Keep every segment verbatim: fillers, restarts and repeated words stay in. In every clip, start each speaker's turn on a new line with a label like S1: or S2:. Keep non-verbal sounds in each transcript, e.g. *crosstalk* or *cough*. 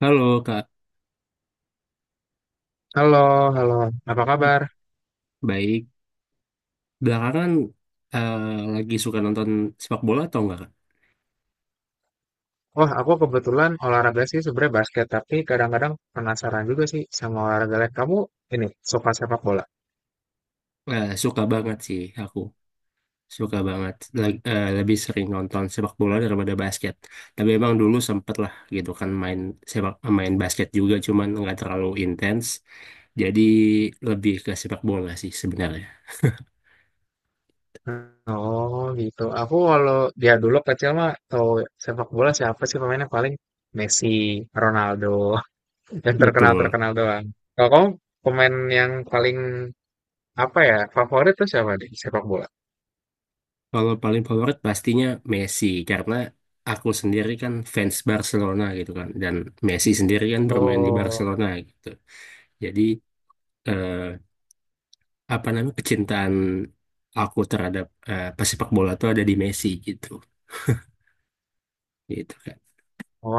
S1: Halo Kak,
S2: Halo, halo. Apa kabar?
S1: baik. Belakangan eh, lagi suka nonton sepak bola atau enggak Kak?
S2: Wah, aku kebetulan olahraga sih sebenarnya basket, tapi kadang-kadang penasaran juga sih sama olahraga lain. Kamu ini suka sepak bola?
S1: Eh, suka banget sih aku, suka banget. Lag- eh, lebih sering nonton sepak bola daripada basket. Tapi emang dulu sempet lah gitu kan main sepak main basket juga, cuman nggak terlalu intens. Jadi lebih ke sepak bola sih sebenarnya.
S2: Oh, gitu. Aku kalau dia dulu kecil mah tahu sepak bola siapa sih pemainnya paling Messi, Ronaldo, *laughs* yang
S1: Betul.
S2: terkenal-terkenal doang. Kalau kamu pemain yang paling apa ya favorit tuh siapa di sepak bola?
S1: Kalau paling favorit pastinya Messi karena aku sendiri kan fans Barcelona gitu kan dan Messi sendiri kan bermain di
S2: Oh.
S1: Barcelona gitu. Jadi eh, apa namanya, kecintaan aku terhadap eh, pesepak bola tuh ada di Messi gitu, gitu kan.
S2: Oh,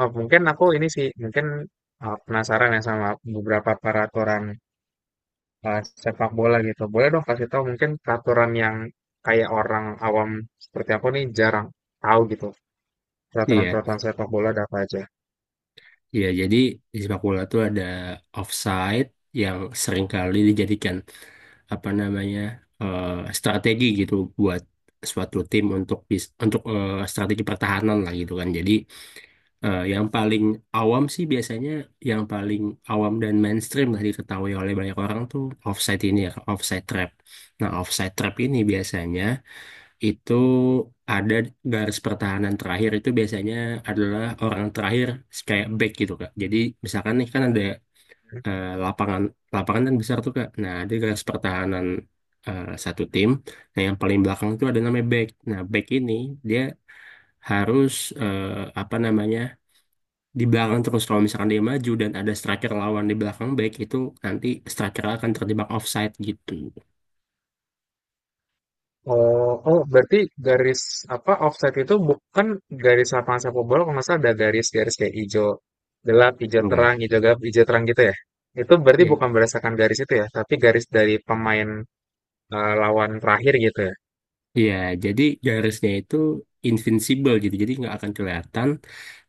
S2: oh, mungkin aku ini sih, mungkin uh, penasaran ya sama beberapa peraturan uh, sepak bola gitu. Boleh dong kasih tahu mungkin peraturan yang kayak orang awam seperti aku nih jarang tahu gitu.
S1: Iya,
S2: Peraturan-peraturan sepak bola ada apa aja?
S1: iya. Jadi di sepak bola tuh ada offside yang seringkali dijadikan apa namanya eh, strategi gitu buat suatu tim untuk bis- untuk eh, strategi pertahanan lah gitu kan. Jadi Eh, yang paling awam sih biasanya yang paling awam dan mainstream lah diketahui oleh banyak orang tuh offside ini ya, offside trap. Nah, offside trap ini biasanya itu ada garis pertahanan terakhir, itu biasanya adalah orang terakhir, kayak back gitu Kak. Jadi misalkan nih kan ada eh, lapangan, lapangan kan besar tuh Kak. Nah, ada garis pertahanan eh, satu tim. Nah, yang paling belakang itu ada namanya back. Nah, back ini dia harus eh, apa namanya, di belakang terus. Kalau misalkan dia maju dan ada striker lawan di belakang back itu, nanti striker akan terjebak offside gitu,
S2: Oh, oh berarti garis apa offside itu bukan garis lapangan sepak bola kalau nggak salah ada garis-garis kayak hijau gelap, hijau terang,
S1: enggak
S2: hijau gelap, hijau terang gitu ya. Itu berarti
S1: ya.
S2: bukan berdasarkan garis itu ya, tapi garis dari pemain eh, lawan terakhir gitu ya.
S1: Iya, jadi garisnya itu invincible gitu, jadi nggak akan kelihatan,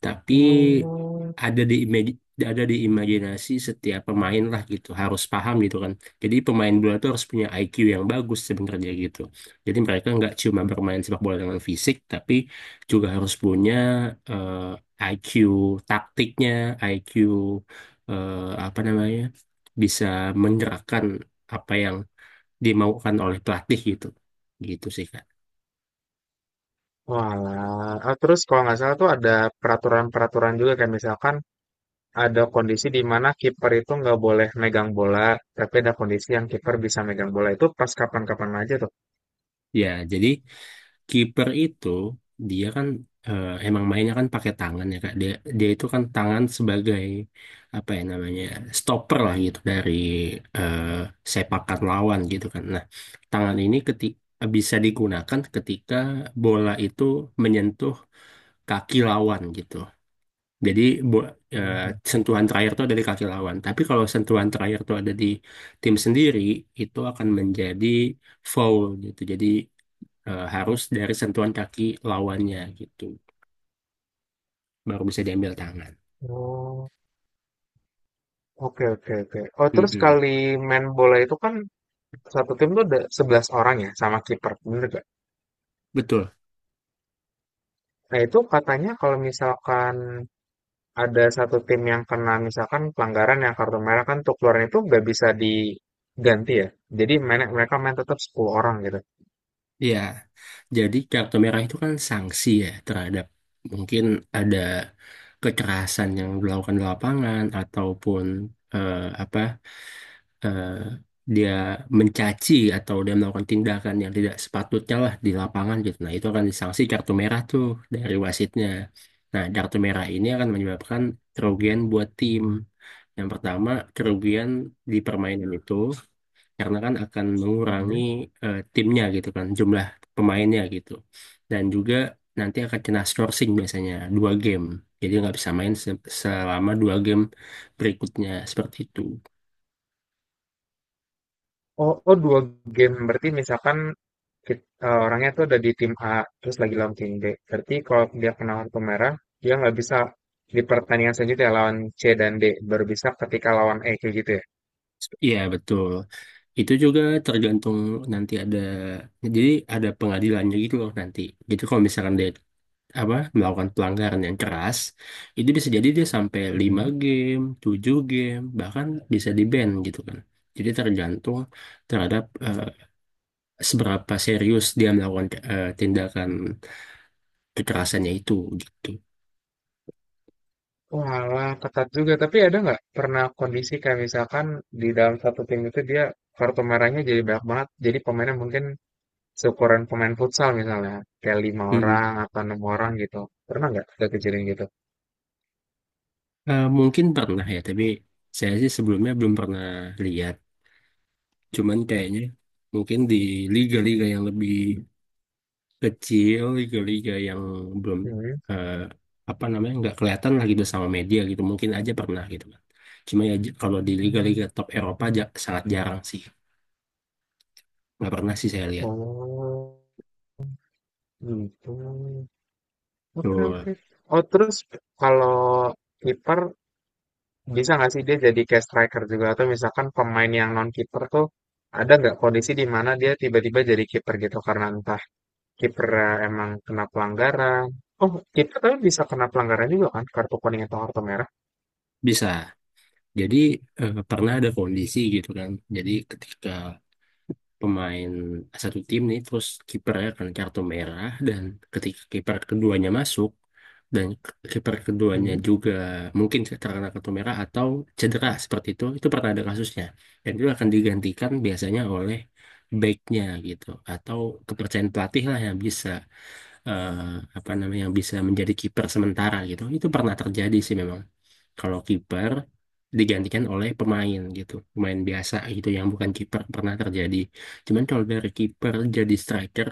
S1: tapi
S2: Oh,
S1: ada di imaj- ada di imajinasi setiap pemain lah gitu, harus paham gitu kan. Jadi pemain bola itu harus punya I Q yang bagus sebenarnya gitu. Jadi mereka nggak cuma bermain sepak bola dengan fisik, tapi juga harus punya eh, I Q taktiknya, I Q eh, apa namanya, bisa menggerakkan apa yang dimaukan oleh pelatih gitu, gitu sih, Kak.
S2: walah. Ah, terus kalau nggak salah tuh ada peraturan-peraturan juga kayak misalkan ada kondisi di mana kiper itu nggak boleh megang bola, tapi ada kondisi yang kiper bisa megang bola itu pas kapan-kapan aja tuh.
S1: Ya, jadi kiper itu dia kan eh, emang mainnya kan pakai tangan ya Kak. Dia dia itu kan tangan sebagai apa ya namanya, stopper lah gitu dari eh, sepakan lawan gitu kan. Nah, tangan ini ketika bisa digunakan ketika bola itu menyentuh kaki lawan gitu. Jadi bo- eh,
S2: Mhm.
S1: sentuhan terakhir itu ada di kaki lawan. Tapi kalau sentuhan terakhir itu ada di tim sendiri, itu akan menjadi foul gitu. Jadi eh, harus dari sentuhan kaki lawannya gitu baru bisa diambil tangan.
S2: Oh, oke oke oke. Oh, terus
S1: Mm-mm.
S2: kali main bola itu kan satu tim tuh ada sebelas orang ya sama kiper, bener gak?
S1: Betul.
S2: Nah, itu katanya kalau misalkan ada satu tim yang kena misalkan pelanggaran yang kartu merah kan untuk keluarin itu nggak bisa diganti ya. Jadi main- mereka main tetap sepuluh orang gitu.
S1: Ya, jadi kartu merah itu kan sanksi ya terhadap mungkin ada kekerasan yang dilakukan di lapangan ataupun eh, apa eh, dia mencaci atau dia melakukan tindakan yang tidak sepatutnya lah di lapangan gitu. Nah, itu akan disanksi kartu merah tuh dari wasitnya. Nah, kartu merah ini akan menyebabkan kerugian buat tim. Yang pertama, kerugian di permainan itu karena kan akan mengurangi
S2: Mhm.
S1: eh, timnya gitu kan, jumlah pemainnya gitu. Dan juga nanti akan kena sourcing biasanya dua game. Jadi nggak bisa main se- selama dua game berikutnya seperti itu.
S2: Oh, oh dua game berarti misalkan kit- eh, orangnya tuh ada di tim A terus lagi lawan tim B. Berarti kalau dia kena kartu merah dia nggak bisa di pertandingan selanjutnya lawan C dan D baru bisa ketika lawan E kayak gitu
S1: Iya betul. Itu juga tergantung, nanti ada, jadi ada pengadilannya gitu loh nanti. Jadi kalau misalkan dia apa melakukan pelanggaran yang keras, itu bisa jadi dia sampai
S2: ya.
S1: lima game, tujuh game, bahkan bisa di-ban gitu kan. Jadi tergantung terhadap eh, seberapa serius dia melakukan eh, tindakan kekerasannya itu gitu.
S2: Walah, ketat juga. Tapi ada nggak pernah kondisi kayak misalkan di dalam satu tim itu dia kartu merahnya jadi banyak banget. Jadi pemainnya mungkin seukuran pemain futsal misalnya. Kayak lima
S1: Mm-mm.
S2: orang atau enam orang gitu. Pernah nggak ada kejadian gitu?
S1: Eh, mungkin pernah ya, tapi saya sih sebelumnya belum pernah lihat. Cuman kayaknya mungkin di liga-liga yang lebih kecil, liga-liga yang belum
S2: Hmm.
S1: eh, apa namanya, nggak kelihatan lagi gitu sama media gitu, mungkin aja pernah gitu kan. Cuma ya j- kalau di liga-liga top Eropa aja sangat jarang sih, nggak pernah sih saya lihat
S2: Oh, gitu. Oke,
S1: tuh.
S2: oke. Oh, terus kalau kiper bisa nggak sih dia jadi kayak striker juga? Atau misalkan pemain yang non kiper tuh ada nggak kondisi di mana dia tiba-tiba jadi kiper gitu karena entah kiper eh, emang kena pelanggaran. Oh, kiper tapi bisa kena pelanggaran juga kan, kartu kuning atau kartu merah.
S1: Bisa jadi eh, pernah ada kondisi gitu kan. Jadi ketika pemain satu tim nih terus kipernya kan kartu merah, dan ketika kiper keduanya masuk dan k- kiper keduanya
S2: Mhm.
S1: juga mungkin terkena kartu merah atau cedera seperti itu itu pernah ada kasusnya. Dan itu akan digantikan biasanya oleh backnya gitu, atau kepercayaan pelatih lah yang bisa eh, apa namanya, yang bisa menjadi kiper sementara gitu. Itu pernah terjadi sih memang. Kalau kiper digantikan oleh pemain gitu, pemain biasa gitu yang bukan kiper, pernah terjadi. Cuman kalau dari kiper jadi striker,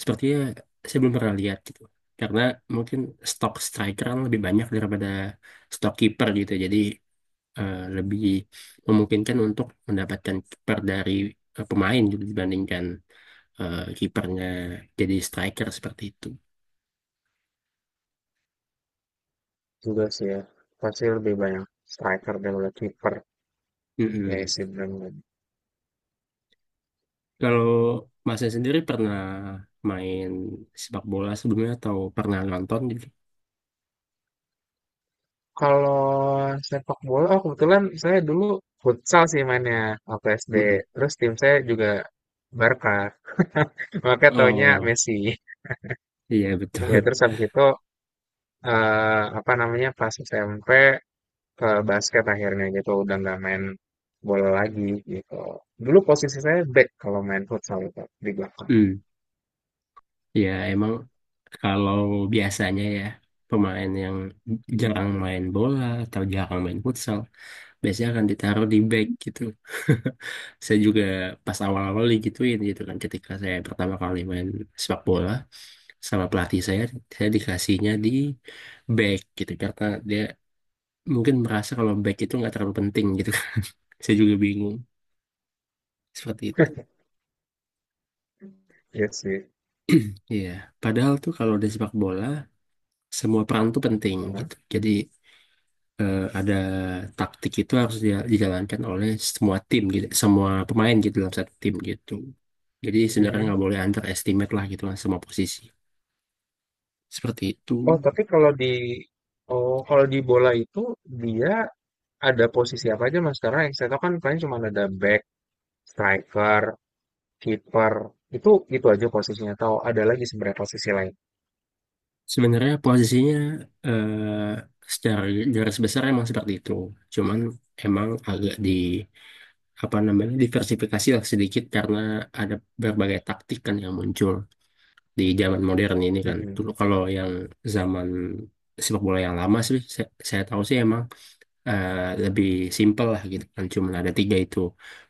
S1: sepertinya saya belum pernah lihat gitu. Karena mungkin stok striker kan lebih banyak daripada stok kiper gitu. Jadi eh, lebih memungkinkan untuk mendapatkan kiper dari eh, pemain gitu, dibandingkan eh, kipernya jadi striker seperti itu.
S2: Juga sih ya, pasti lebih banyak striker daripada kiper. Ya
S1: Mm-mm.
S2: sih benar.
S1: Kalau masnya sendiri pernah main sepak bola sebelumnya atau pernah nonton gitu?
S2: Kalau sepak bola, oh kebetulan saya dulu futsal sih mainnya waktu S D.
S1: Mm-mm.
S2: Terus tim saya juga Barca, *laughs* makanya taunya
S1: Oh,
S2: Messi.
S1: iya
S2: Ya
S1: betul.
S2: terus habis itu eh, apa namanya pas S M P ke basket akhirnya gitu udah nggak main bola lagi gitu dulu posisi saya back kalau main futsal itu di belakang.
S1: Hmm. Ya, *laughs* emang kalau biasanya ya, pemain yang
S2: Hmm,
S1: jarang main bola atau jarang main futsal biasanya akan ditaruh di back gitu. *laughs* Saya juga pas awal-awal digituin gitu kan, ketika saya pertama kali main sepak bola sama pelatih saya saya dikasihnya di back gitu karena dia mungkin merasa kalau back itu nggak terlalu penting gitu kan. *laughs* Saya juga bingung seperti itu.
S2: iya sih.
S1: *clears throat* Iya, padahal tuh kalau di sepak bola semua peran tuh penting
S2: Heeh.
S1: gitu. Jadi eh, ada taktik itu harus dia- dijalankan oleh semua tim gitu, semua pemain gitu dalam satu tim gitu. Jadi sebenarnya
S2: Mhm.
S1: nggak boleh underestimate lah gitu kan semua posisi. Seperti itu.
S2: oh tapi kalau di Oh kalau di bola itu dia ada posisi apa aja mas karena yang saya tahu kan paling cuma ada back striker kiper itu itu aja posisinya atau ada lagi sebenarnya posisi lain.
S1: Sebenarnya posisinya eh, secara garis besar emang seperti itu. Cuman emang agak di apa namanya, diversifikasi lah sedikit, karena ada berbagai taktik kan yang muncul di zaman modern ini kan.
S2: Mhm.
S1: Dulu kalau yang zaman sepak bola yang lama sih saya, saya tahu sih emang eh, lebih simpel lah gitu kan, cuman ada tiga itu.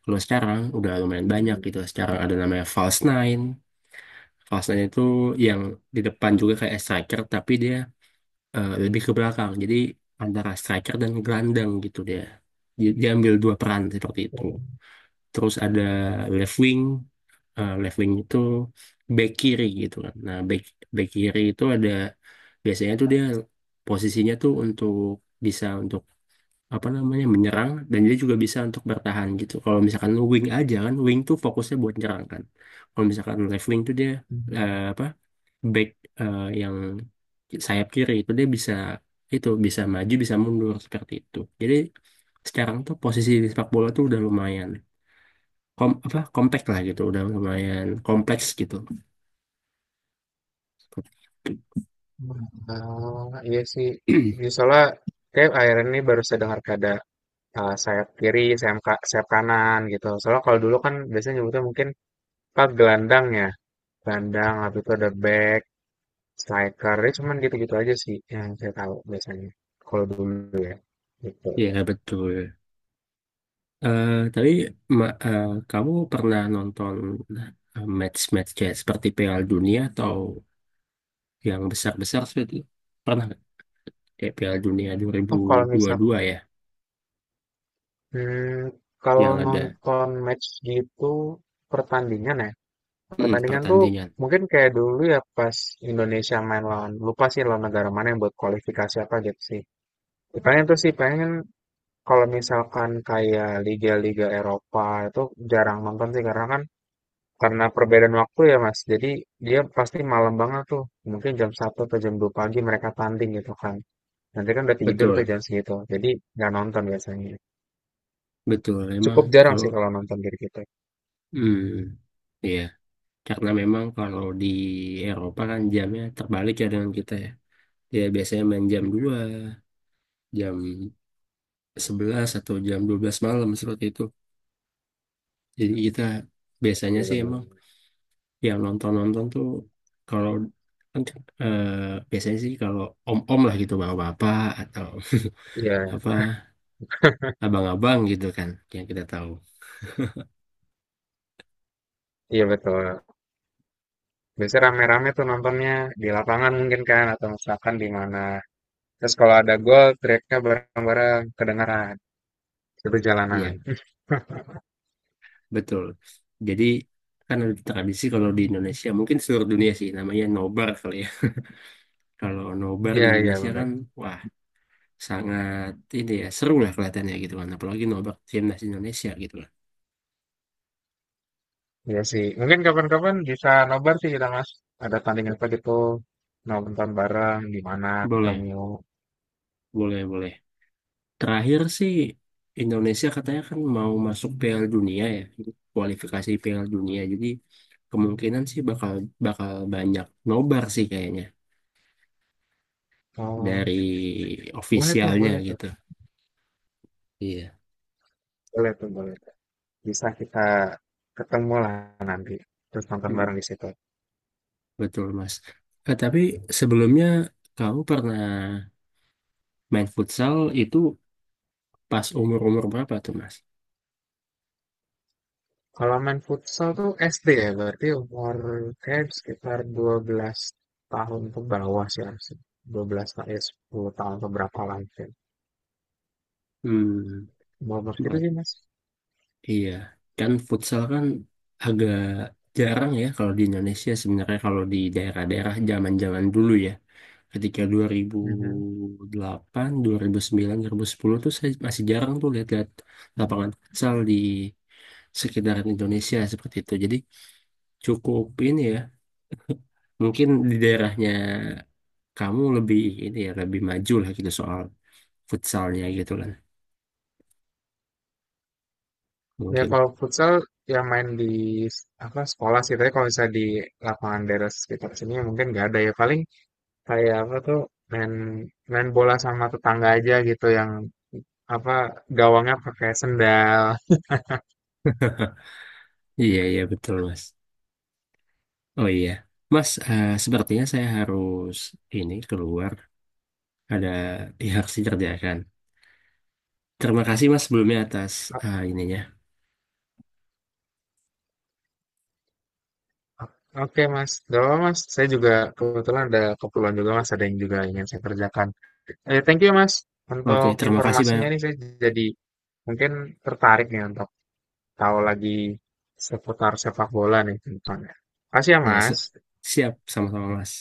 S1: Kalau sekarang udah lumayan banyak
S2: Mhm.
S1: gitu. Sekarang ada namanya false nine. False nine itu yang di depan juga kayak striker tapi dia eh, lebih ke belakang. Jadi antara striker dan gelandang gitu dia. Di- Dia ambil dua peran seperti itu. Terus ada left wing, eh, left wing itu back kiri gitu kan. Nah, back back kiri itu ada, biasanya tuh dia posisinya tuh untuk bisa untuk apa namanya, menyerang, dan dia juga bisa untuk bertahan gitu. Kalau misalkan wing aja kan, wing tuh fokusnya buat nyerang kan. Kalau misalkan left wing tuh dia
S2: Mhm.
S1: eh, apa back, eh, yang sayap kiri itu dia bisa, itu bisa maju bisa mundur seperti itu. Jadi sekarang tuh posisi di sepak bola tuh udah lumayan kom apa kompleks lah gitu, udah lumayan kompleks gitu.
S2: Ah, iya sih. Jadi soalnya kayak akhirnya ini baru saya dengar ada eh, sayap kiri, sayap, ka- sayap kanan gitu. Soalnya kalau dulu kan biasanya nyebutnya mungkin pak gelandang ya, gelandang, habis itu ada back, striker, ya cuman gitu-gitu aja sih yang saya tahu biasanya. Kalau dulu ya, gitu.
S1: Ya betul. Eh tapi ma- eh, kamu pernah nonton eh, match-match kayak seperti Piala Dunia atau yang besar-besar seperti, pernah nggak? Kayak Piala Dunia dua ribu
S2: Oh kalau
S1: dua puluh
S2: misal,
S1: dua ya,
S2: hmm, kalau
S1: yang ada
S2: nonton match gitu pertandingan ya,
S1: mm,
S2: pertandingan tuh
S1: pertandingan.
S2: mungkin kayak dulu ya pas Indonesia main lawan, lupa sih lawan negara mana yang buat kualifikasi apa gitu sih. Ya, paling itu sih pengen. Kalau misalkan kayak liga-liga Eropa itu jarang nonton sih karena kan karena perbedaan waktu ya Mas. Jadi dia pasti malam banget tuh. Mungkin jam satu atau jam dua pagi mereka tanding gitu kan. Nanti kan udah tidur tuh
S1: Betul.
S2: jam segitu. Jadi nggak nonton biasanya.
S1: Betul, memang
S2: Cukup jarang
S1: kalau
S2: sih kalau nonton dari kita.
S1: hmm, iya, karena memang kalau di Eropa kan jamnya terbalik ya dengan kita ya. Ya, biasanya main jam dua,
S2: Mm-mm.
S1: jam sebelas atau jam dua belas malam seperti itu. Jadi kita
S2: Iya
S1: biasanya
S2: sih
S1: sih
S2: benar.
S1: emang yang nonton-nonton tuh kalau kan eh, biasanya sih kalau om-om lah gitu, bapak-bapak, atau *laughs*
S2: Iya,
S1: apa, abang-abang gitu kan yang kita tahu.
S2: iya betul. Biasanya rame-rame tuh nontonnya di lapangan mungkin kan atau misalkan di mana. Terus kalau ada gol teriaknya bareng-bareng kedengaran. Itu jalanan.
S1: Iya,
S2: *laughs*
S1: betul. Jadi kan ada tradisi, kalau di Indonesia, mungkin seluruh dunia sih, namanya nobar kali ya. *laughs* Kalau nobar di
S2: Iya, iya
S1: Indonesia
S2: benar.
S1: kan, wah, sangat ini ya, seru lah kelihatannya gitu kan. Apalagi nobar timnas Indonesia gitu lah.
S2: Iya sih. Mungkin kapan-kapan bisa nobar sih kita, Mas. Ada tanding apa gitu. Nonton bareng di mana
S1: Boleh,
S2: ketemu.
S1: boleh, boleh. Terakhir sih Indonesia katanya kan mau masuk Piala Dunia ya, kualifikasi Piala Dunia. Jadi kemungkinan sih bakal bakal banyak nobar sih kayaknya
S2: Oh,
S1: dari
S2: boleh tuh,
S1: ofisialnya
S2: boleh tuh.
S1: gitu. Iya.
S2: Boleh tuh, boleh tuh. Bisa kita ketemu lah nanti. Terus nonton bareng di situ.
S1: Betul, Mas. Eh, tapi sebelumnya kamu pernah main futsal itu pas umur-umur berapa tuh, Mas?
S2: Kalau main futsal tuh S D ya, berarti umur kayak sekitar dua belas tahun ke bawah sih harusnya. Dua belas tahun, ya sepuluh tahun ke berapa lah mungkin.
S1: Hmm,
S2: Umur segitu
S1: berat.
S2: sih, Mas.
S1: Iya. Kan futsal kan agak jarang ya kalau di Indonesia sebenarnya, kalau di daerah-daerah zaman-zaman dulu ya. Ketika dua dua ribu
S2: Mhm.
S1: ribu delapan, dua ribu sembilan, dua ribu sepuluh tuh, saya masih jarang tuh lihat-lihat lapangan futsal di sekitaran Indonesia seperti itu. Jadi cukup ini ya. Mungkin di daerahnya kamu lebih ini ya, lebih maju lah gitu soal futsalnya gitu kan
S2: Ya
S1: mungkin.
S2: kalau futsal ya main di s- apa sekolah sih, tapi kalau misalnya di lapangan daerah sekitar sini ya mungkin nggak ada ya paling kayak apa tuh main main bola sama tetangga aja gitu yang apa gawangnya pakai sendal.
S1: Iya, iya, betul, Mas. Oh iya Mas, eh, sepertinya saya harus ini keluar, ada yang harus dikerjakan. Terima kasih Mas sebelumnya atas
S2: O-
S1: eh, ininya.
S2: Oke mas, gak apa mas. Saya juga kebetulan ada keperluan juga mas, ada yang juga ingin saya kerjakan. Eh, thank you mas
S1: Oke
S2: untuk
S1: terima kasih
S2: informasinya
S1: banyak.
S2: nih saya jadi mungkin tertarik nih untuk tahu lagi seputar sepak bola nih ke depannya. Makasih ya
S1: Ya
S2: mas.
S1: se- siap, sama-sama Mas.